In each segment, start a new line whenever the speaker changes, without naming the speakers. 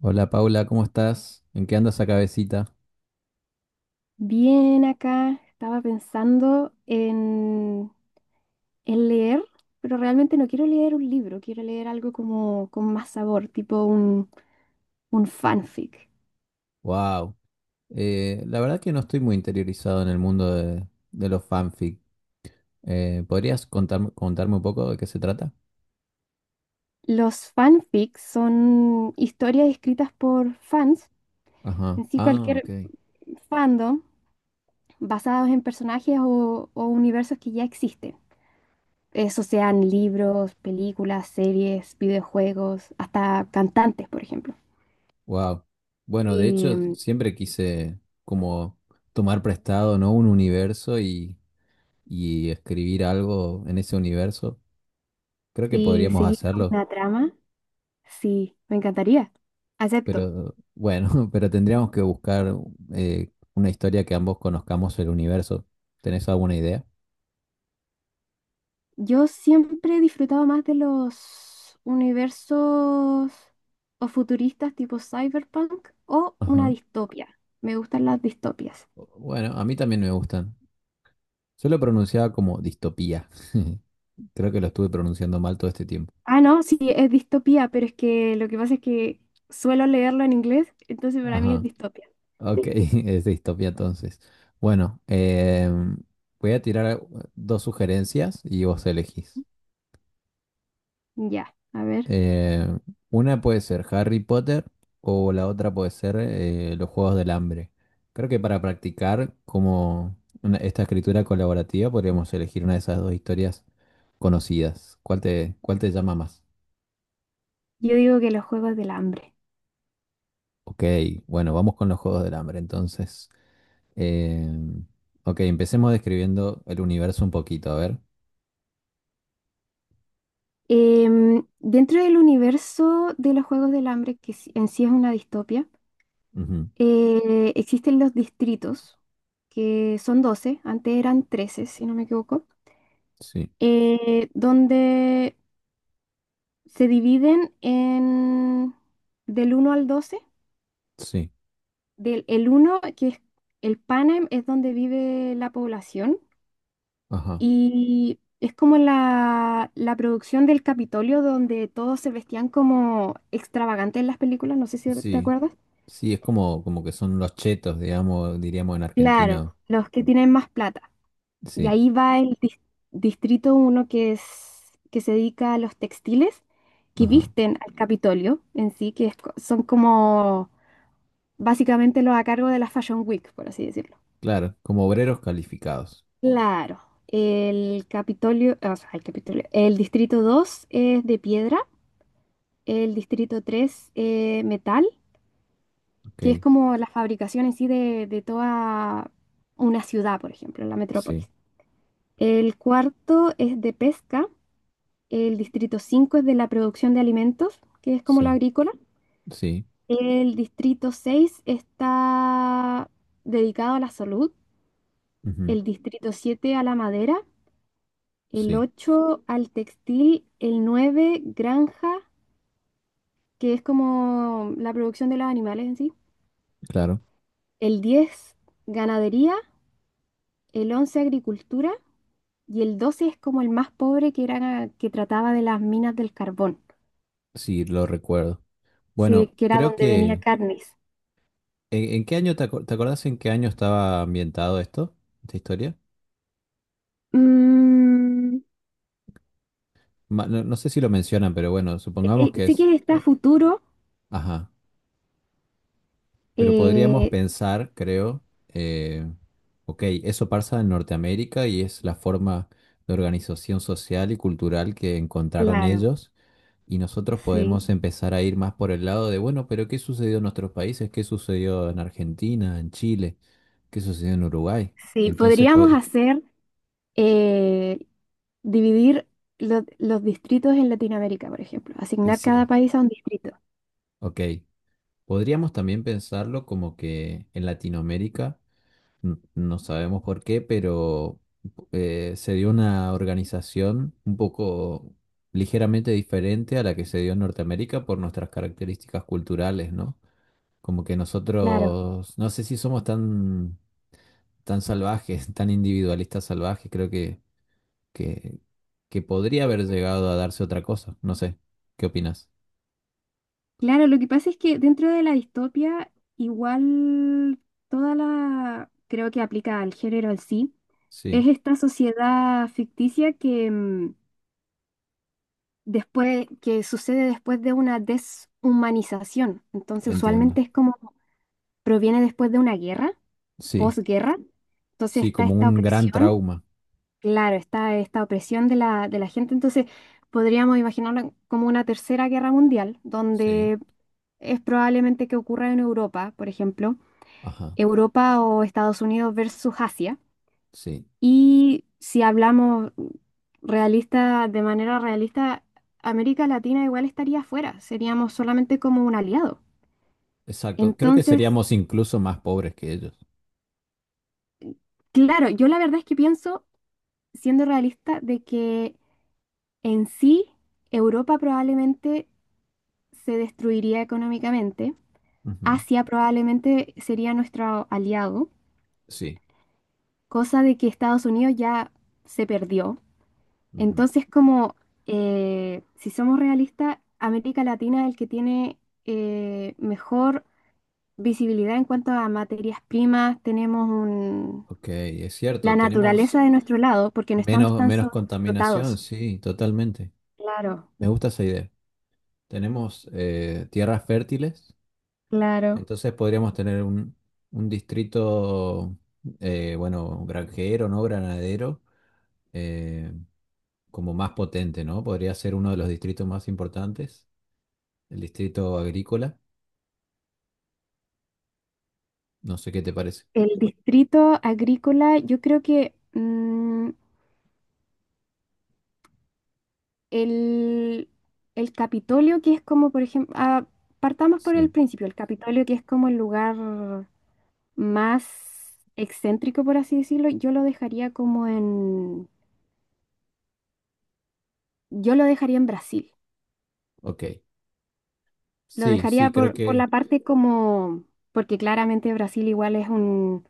Hola Paula, ¿cómo estás? ¿En qué anda esa cabecita?
Bien, acá estaba pensando en leer, pero realmente no quiero leer un libro. Quiero leer algo como con más sabor, tipo un fanfic.
Wow. La verdad que no estoy muy interiorizado en el mundo de los fanfic. ¿Podrías contarme un poco de qué se trata?
Los fanfics son historias escritas por fans,
Ajá.
en sí
Ah,
cualquier
ok.
fandom, basados en personajes o universos que ya existen. Eso sean libros, películas, series, videojuegos, hasta cantantes, por ejemplo.
Wow. Bueno, de hecho,
Em,
siempre quise como tomar prestado, ¿no? Un universo y escribir algo en ese universo. Creo que
si
podríamos
seguís con
hacerlo.
una trama. Sí, me encantaría. Acepto.
Pero bueno, pero tendríamos que buscar una historia que ambos conozcamos el universo. ¿Tenés alguna idea?
Yo siempre he disfrutado más de los universos o futuristas tipo cyberpunk o una
Ajá.
distopia. Me gustan las distopias.
Bueno, a mí también me gustan. Yo lo pronunciaba como distopía. Creo que lo estuve pronunciando mal todo este tiempo.
Ah, no, sí, es distopía, pero es que lo que pasa es que suelo leerlo en inglés, entonces para mí es
Ajá.
distopia.
Ok, es distopía entonces. Bueno, voy a tirar dos sugerencias y vos elegís.
Ya, a ver.
Eh, una puede ser Harry Potter o la otra puede ser los Juegos del Hambre. Creo que para practicar como esta escritura colaborativa podríamos elegir una de esas dos historias conocidas. ¿Cuál te llama más?
Yo digo que los Juegos del Hambre.
Ok, bueno, vamos con los Juegos del Hambre entonces. Eh, ok, empecemos describiendo el universo un poquito, a ver.
Dentro del universo de los Juegos del Hambre, en sí es una distopia.
Ujú,
Existen los distritos, que son 12, antes eran 13 si no me equivoco,
sí,
donde se dividen en del uno al 12.
sí,
El uno que es el Panem, es donde vive la población
ajá,
y es como la producción del Capitolio, donde todos se vestían como extravagantes en las películas. No sé si te
sí.
acuerdas.
Sí, es como que son los chetos, digamos, diríamos en argentino.
Claro, los que tienen más plata. Y
Sí.
ahí va el distrito uno que se dedica a los textiles que
Ajá,
visten al Capitolio en sí, son como básicamente los a cargo de la Fashion Week, por así decirlo.
claro, como obreros calificados.
Claro, el Capitolio, o sea, el Capitolio. El distrito 2 es de piedra, el distrito tres, metal,
Ok,
que es como la fabricación en sí de toda una ciudad, por ejemplo, la
sí,
metrópolis. El cuarto es de pesca. El distrito 5 es de la producción de alimentos, que es como lo
sí,
agrícola.
sí,
El distrito 6 está dedicado a la salud.
ujú,
El distrito 7 a la madera. El
sí,
8 al textil. El 9 granja, que es como la producción de los animales en sí.
claro,
El 10 ganadería. El 11 agricultura. Y el 12 es como el más pobre, que era que trataba de las minas del carbón,
sí, lo recuerdo.
sí,
Bueno,
que era
creo
donde venía
que…
carnes.
¿En qué año te acordás en qué año estaba ambientado esto, esta historia?
Mm,
No, no sé si lo mencionan, pero bueno, supongamos que
Sí,
es…
que está futuro,
ajá, pero podríamos
eh,
pensar, creo, eh, ok, eso pasa en Norteamérica y es la forma de organización social y cultural que encontraron
claro,
ellos. Y nosotros
sí,
podemos empezar a ir más por el lado de, bueno, pero ¿qué sucedió en nuestros países? ¿Qué sucedió en Argentina, en Chile? ¿Qué sucedió en Uruguay?
sí.
Entonces,
Podríamos hacer, eh, dividir los distritos en Latinoamérica, por ejemplo, asignar cada
sí,
país a un distrito.
ok. Podríamos también pensarlo como que en Latinoamérica, no sabemos por qué, pero se dio una organización un poco ligeramente diferente a la que se dio en Norteamérica por nuestras características culturales, ¿no? Como que
Claro,
nosotros, no sé si somos tan tan salvajes, tan individualistas salvajes, creo que, que podría haber llegado a darse otra cosa. No sé, ¿qué opinas?
claro, lo que pasa es que dentro de la distopia, igual, creo que aplica al género en sí.
Sí,
Es esta sociedad ficticia que, después, que sucede después de una deshumanización. Entonces, usualmente
entiendo.
es como proviene después de una guerra,
Sí,
posguerra. Entonces
sí,
está
como
esta
un gran
opresión,
trauma.
claro, está esta opresión de la gente. Entonces podríamos imaginarla como una tercera guerra mundial,
Sí.
donde es probablemente que ocurra en Europa, por ejemplo.
Ajá,
Europa o Estados Unidos versus Asia.
sí,
Y si hablamos realista, de manera realista, América Latina igual estaría afuera, seríamos solamente como un aliado.
exacto. Creo que
Entonces,
seríamos incluso más pobres que ellos.
claro, yo la verdad es que pienso, siendo realista, de que en sí Europa probablemente se destruiría económicamente.
Ujú,
Asia probablemente sería nuestro aliado,
sí,
cosa de que Estados Unidos ya se perdió.
ujú.
Entonces, como, si somos realistas, América Latina es el que tiene, mejor visibilidad en cuanto a materias primas. Tenemos
Ok, es
la
cierto, tenemos
naturaleza de nuestro lado, porque no estamos tan
menos contaminación,
sobreexplotados.
sí, totalmente.
Claro,
Me gusta esa idea. Tenemos tierras fértiles.
claro.
Entonces podríamos tener un distrito, bueno, granjero, ¿no? Granadero, eh, como más potente, ¿no? Podría ser uno de los distritos más importantes, el distrito agrícola. No sé qué te parece.
El distrito agrícola, yo creo que, el, el Capitolio, que es como, por ejemplo, ah, partamos por el
Sí,
principio. El Capitolio, que es como el lugar más excéntrico, por así decirlo, yo lo dejaría en Brasil.
ok.
Lo
Sí, sí,
dejaría
creo
por
que,
la parte, como, porque claramente Brasil igual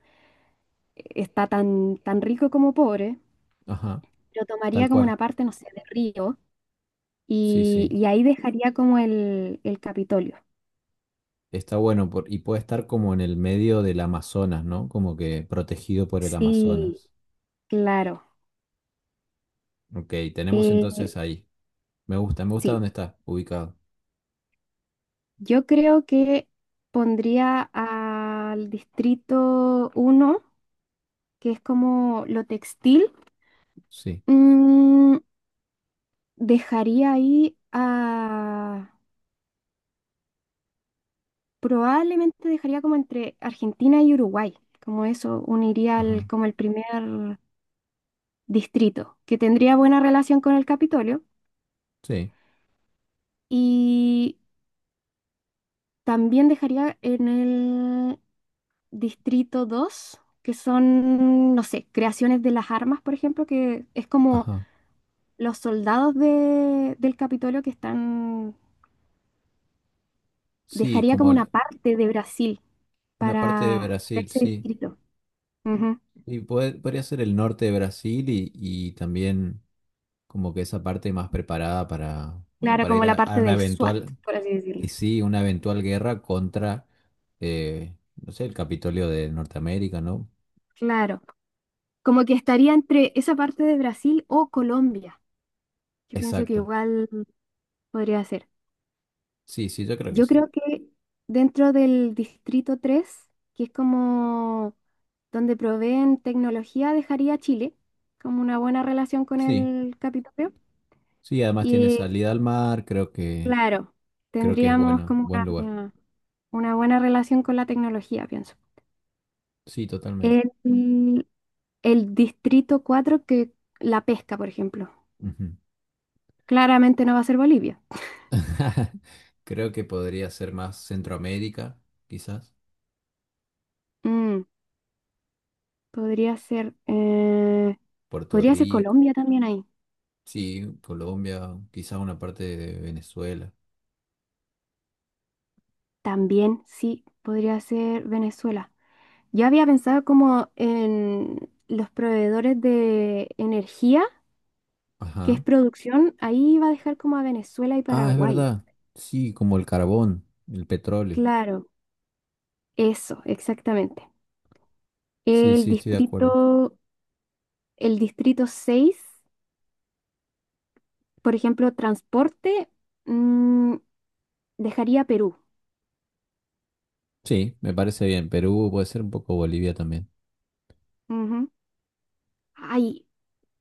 está tan, tan rico como pobre.
ajá,
Lo
tal
tomaría como
cual.
una parte, no sé, de río.
Sí,
Y,
sí.
y ahí dejaría como el Capitolio.
Está bueno y puede estar como en el medio del Amazonas, ¿no? Como que protegido por el
Sí,
Amazonas.
claro.
Ok, tenemos entonces
Eh,
ahí. Me gusta
sí,
dónde está ubicado.
yo creo que pondría al distrito uno, que es como lo textil.
Sí,
Mm, Dejaría ahí a... Probablemente dejaría como entre Argentina y Uruguay. Como eso, uniría
ajá,
como el primer distrito, que tendría buena relación con el Capitolio.
sí.
Y también dejaría en el distrito dos, que son, no sé, creaciones de las armas, por ejemplo, que es como
Ajá.
los soldados del Capitolio que están.
Sí,
Dejaría como una parte de Brasil
una parte de
para
Brasil,
ese
sí.
distrito. Ujú.
Y podría ser el norte de Brasil y también como que esa parte más preparada para, bueno,
Claro,
para
como
ir
la
a
parte
una
del SWAT,
eventual,
por así
y
decirlo.
sí, una eventual guerra contra, no sé, el Capitolio de Norteamérica, ¿no?
Claro, como que estaría entre esa parte de Brasil o Colombia, que pienso que
Exacto.
igual podría ser.
Sí, sí, yo creo que
Yo
sí.
creo que dentro del distrito 3, que es como donde proveen tecnología, dejaría a Chile, como una buena relación con
Sí,
el Capitolio.
sí, además tiene
Y
salida al mar,
claro,
creo que es
tendríamos
bueno,
como
buen lugar.
una, una buena relación con la tecnología, pienso.
Sí, totalmente.
El, el distrito cuatro, que la pesca, por ejemplo,
Ujú.
claramente no va a ser Bolivia.
Creo que podría ser más Centroamérica, quizás.
Mm, Podría ser,
Puerto
podría ser
Rico,
Colombia también ahí.
sí, Colombia, quizás una parte de Venezuela.
También sí, podría ser Venezuela. Yo había pensado como en los proveedores de energía, que es
Ajá.
producción, ahí iba a dejar como a Venezuela y
Ah, es
Paraguay.
verdad. Sí, como el carbón, el petróleo.
Claro, eso, exactamente.
Sí,
El
sí, estoy de acuerdo.
distrito, el distrito 6, por ejemplo, transporte, mm, dejaría a Perú.
Sí, me parece bien. Perú puede ser un poco Bolivia también.
Ujú. Ahí,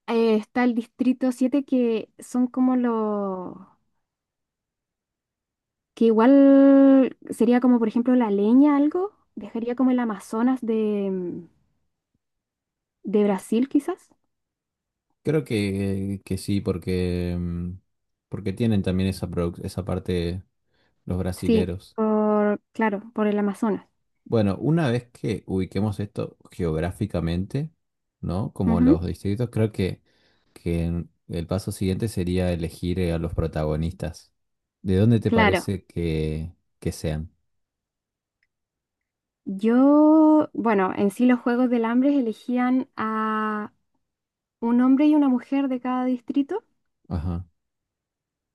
está el distrito siete, que son como los que igual sería como, por ejemplo, la leña, algo. Dejaría como el Amazonas de Brasil, quizás.
Creo que sí, porque, mm, porque tienen también esa, esa parte los
Sí,
brasileros.
por, claro, por el Amazonas.
Bueno, una vez que ubiquemos esto geográficamente, ¿no? Como
Ujú.
los distritos, creo que el paso siguiente sería elegir a los protagonistas. ¿De dónde te
Claro.
parece que sean?
Yo, bueno, en sí los Juegos del Hambre elegían a un hombre y una mujer de cada distrito,
Ajá,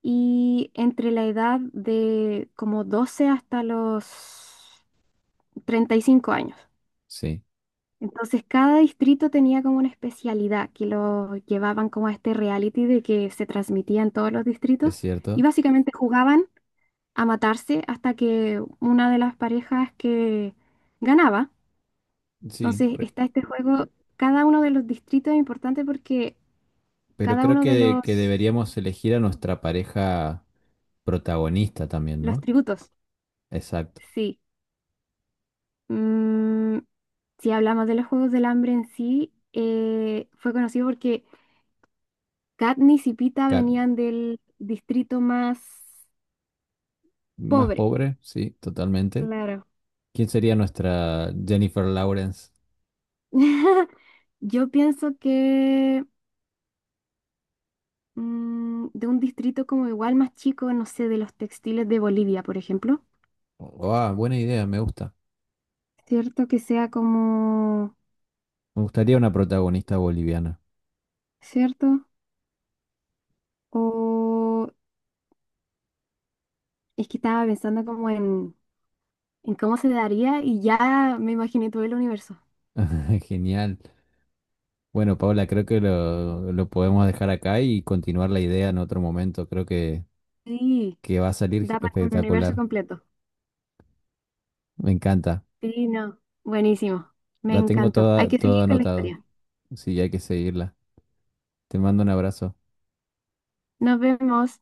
y entre la edad de como 12 hasta los 35 años.
sí,
Entonces cada distrito tenía como una especialidad que lo llevaban como a este reality, de que se transmitía en todos los distritos,
es
y
cierto.
básicamente jugaban a matarse hasta que una de las parejas que ganaba.
Sí,
Entonces está este juego, cada uno de los distritos es importante, porque
pero
cada
creo
uno de
que
los,
deberíamos elegir a nuestra pareja protagonista también,
los
¿no?
tributos,
Exacto.
sí. Mm, si hablamos de los Juegos del Hambre en sí, fue conocido porque Katniss y Pita
Cat-
venían del distrito más
más
pobre,
pobre, sí, totalmente.
claro.
¿Quién sería nuestra Jennifer Lawrence?
Yo pienso que, de un distrito como igual más chico, no sé, de los textiles de Bolivia, por ejemplo.
Oh, ah, buena idea, me gusta.
Cierto que sea como,
Me gustaría una protagonista boliviana.
¿cierto? O es que estaba pensando como en cómo se daría, y ya me imaginé todo el universo.
Genial. Bueno, Paula, creo que lo podemos dejar acá y continuar la idea en otro momento. Creo
Sí,
que va a salir
da para un universo
espectacular.
completo.
Me encanta.
Sí, no. Buenísimo. Me
La tengo
encantó. Hay
toda,
que
todo
seguir con la
anotado.
historia.
Sí, hay que seguirla. Te mando un abrazo.
Nos vemos.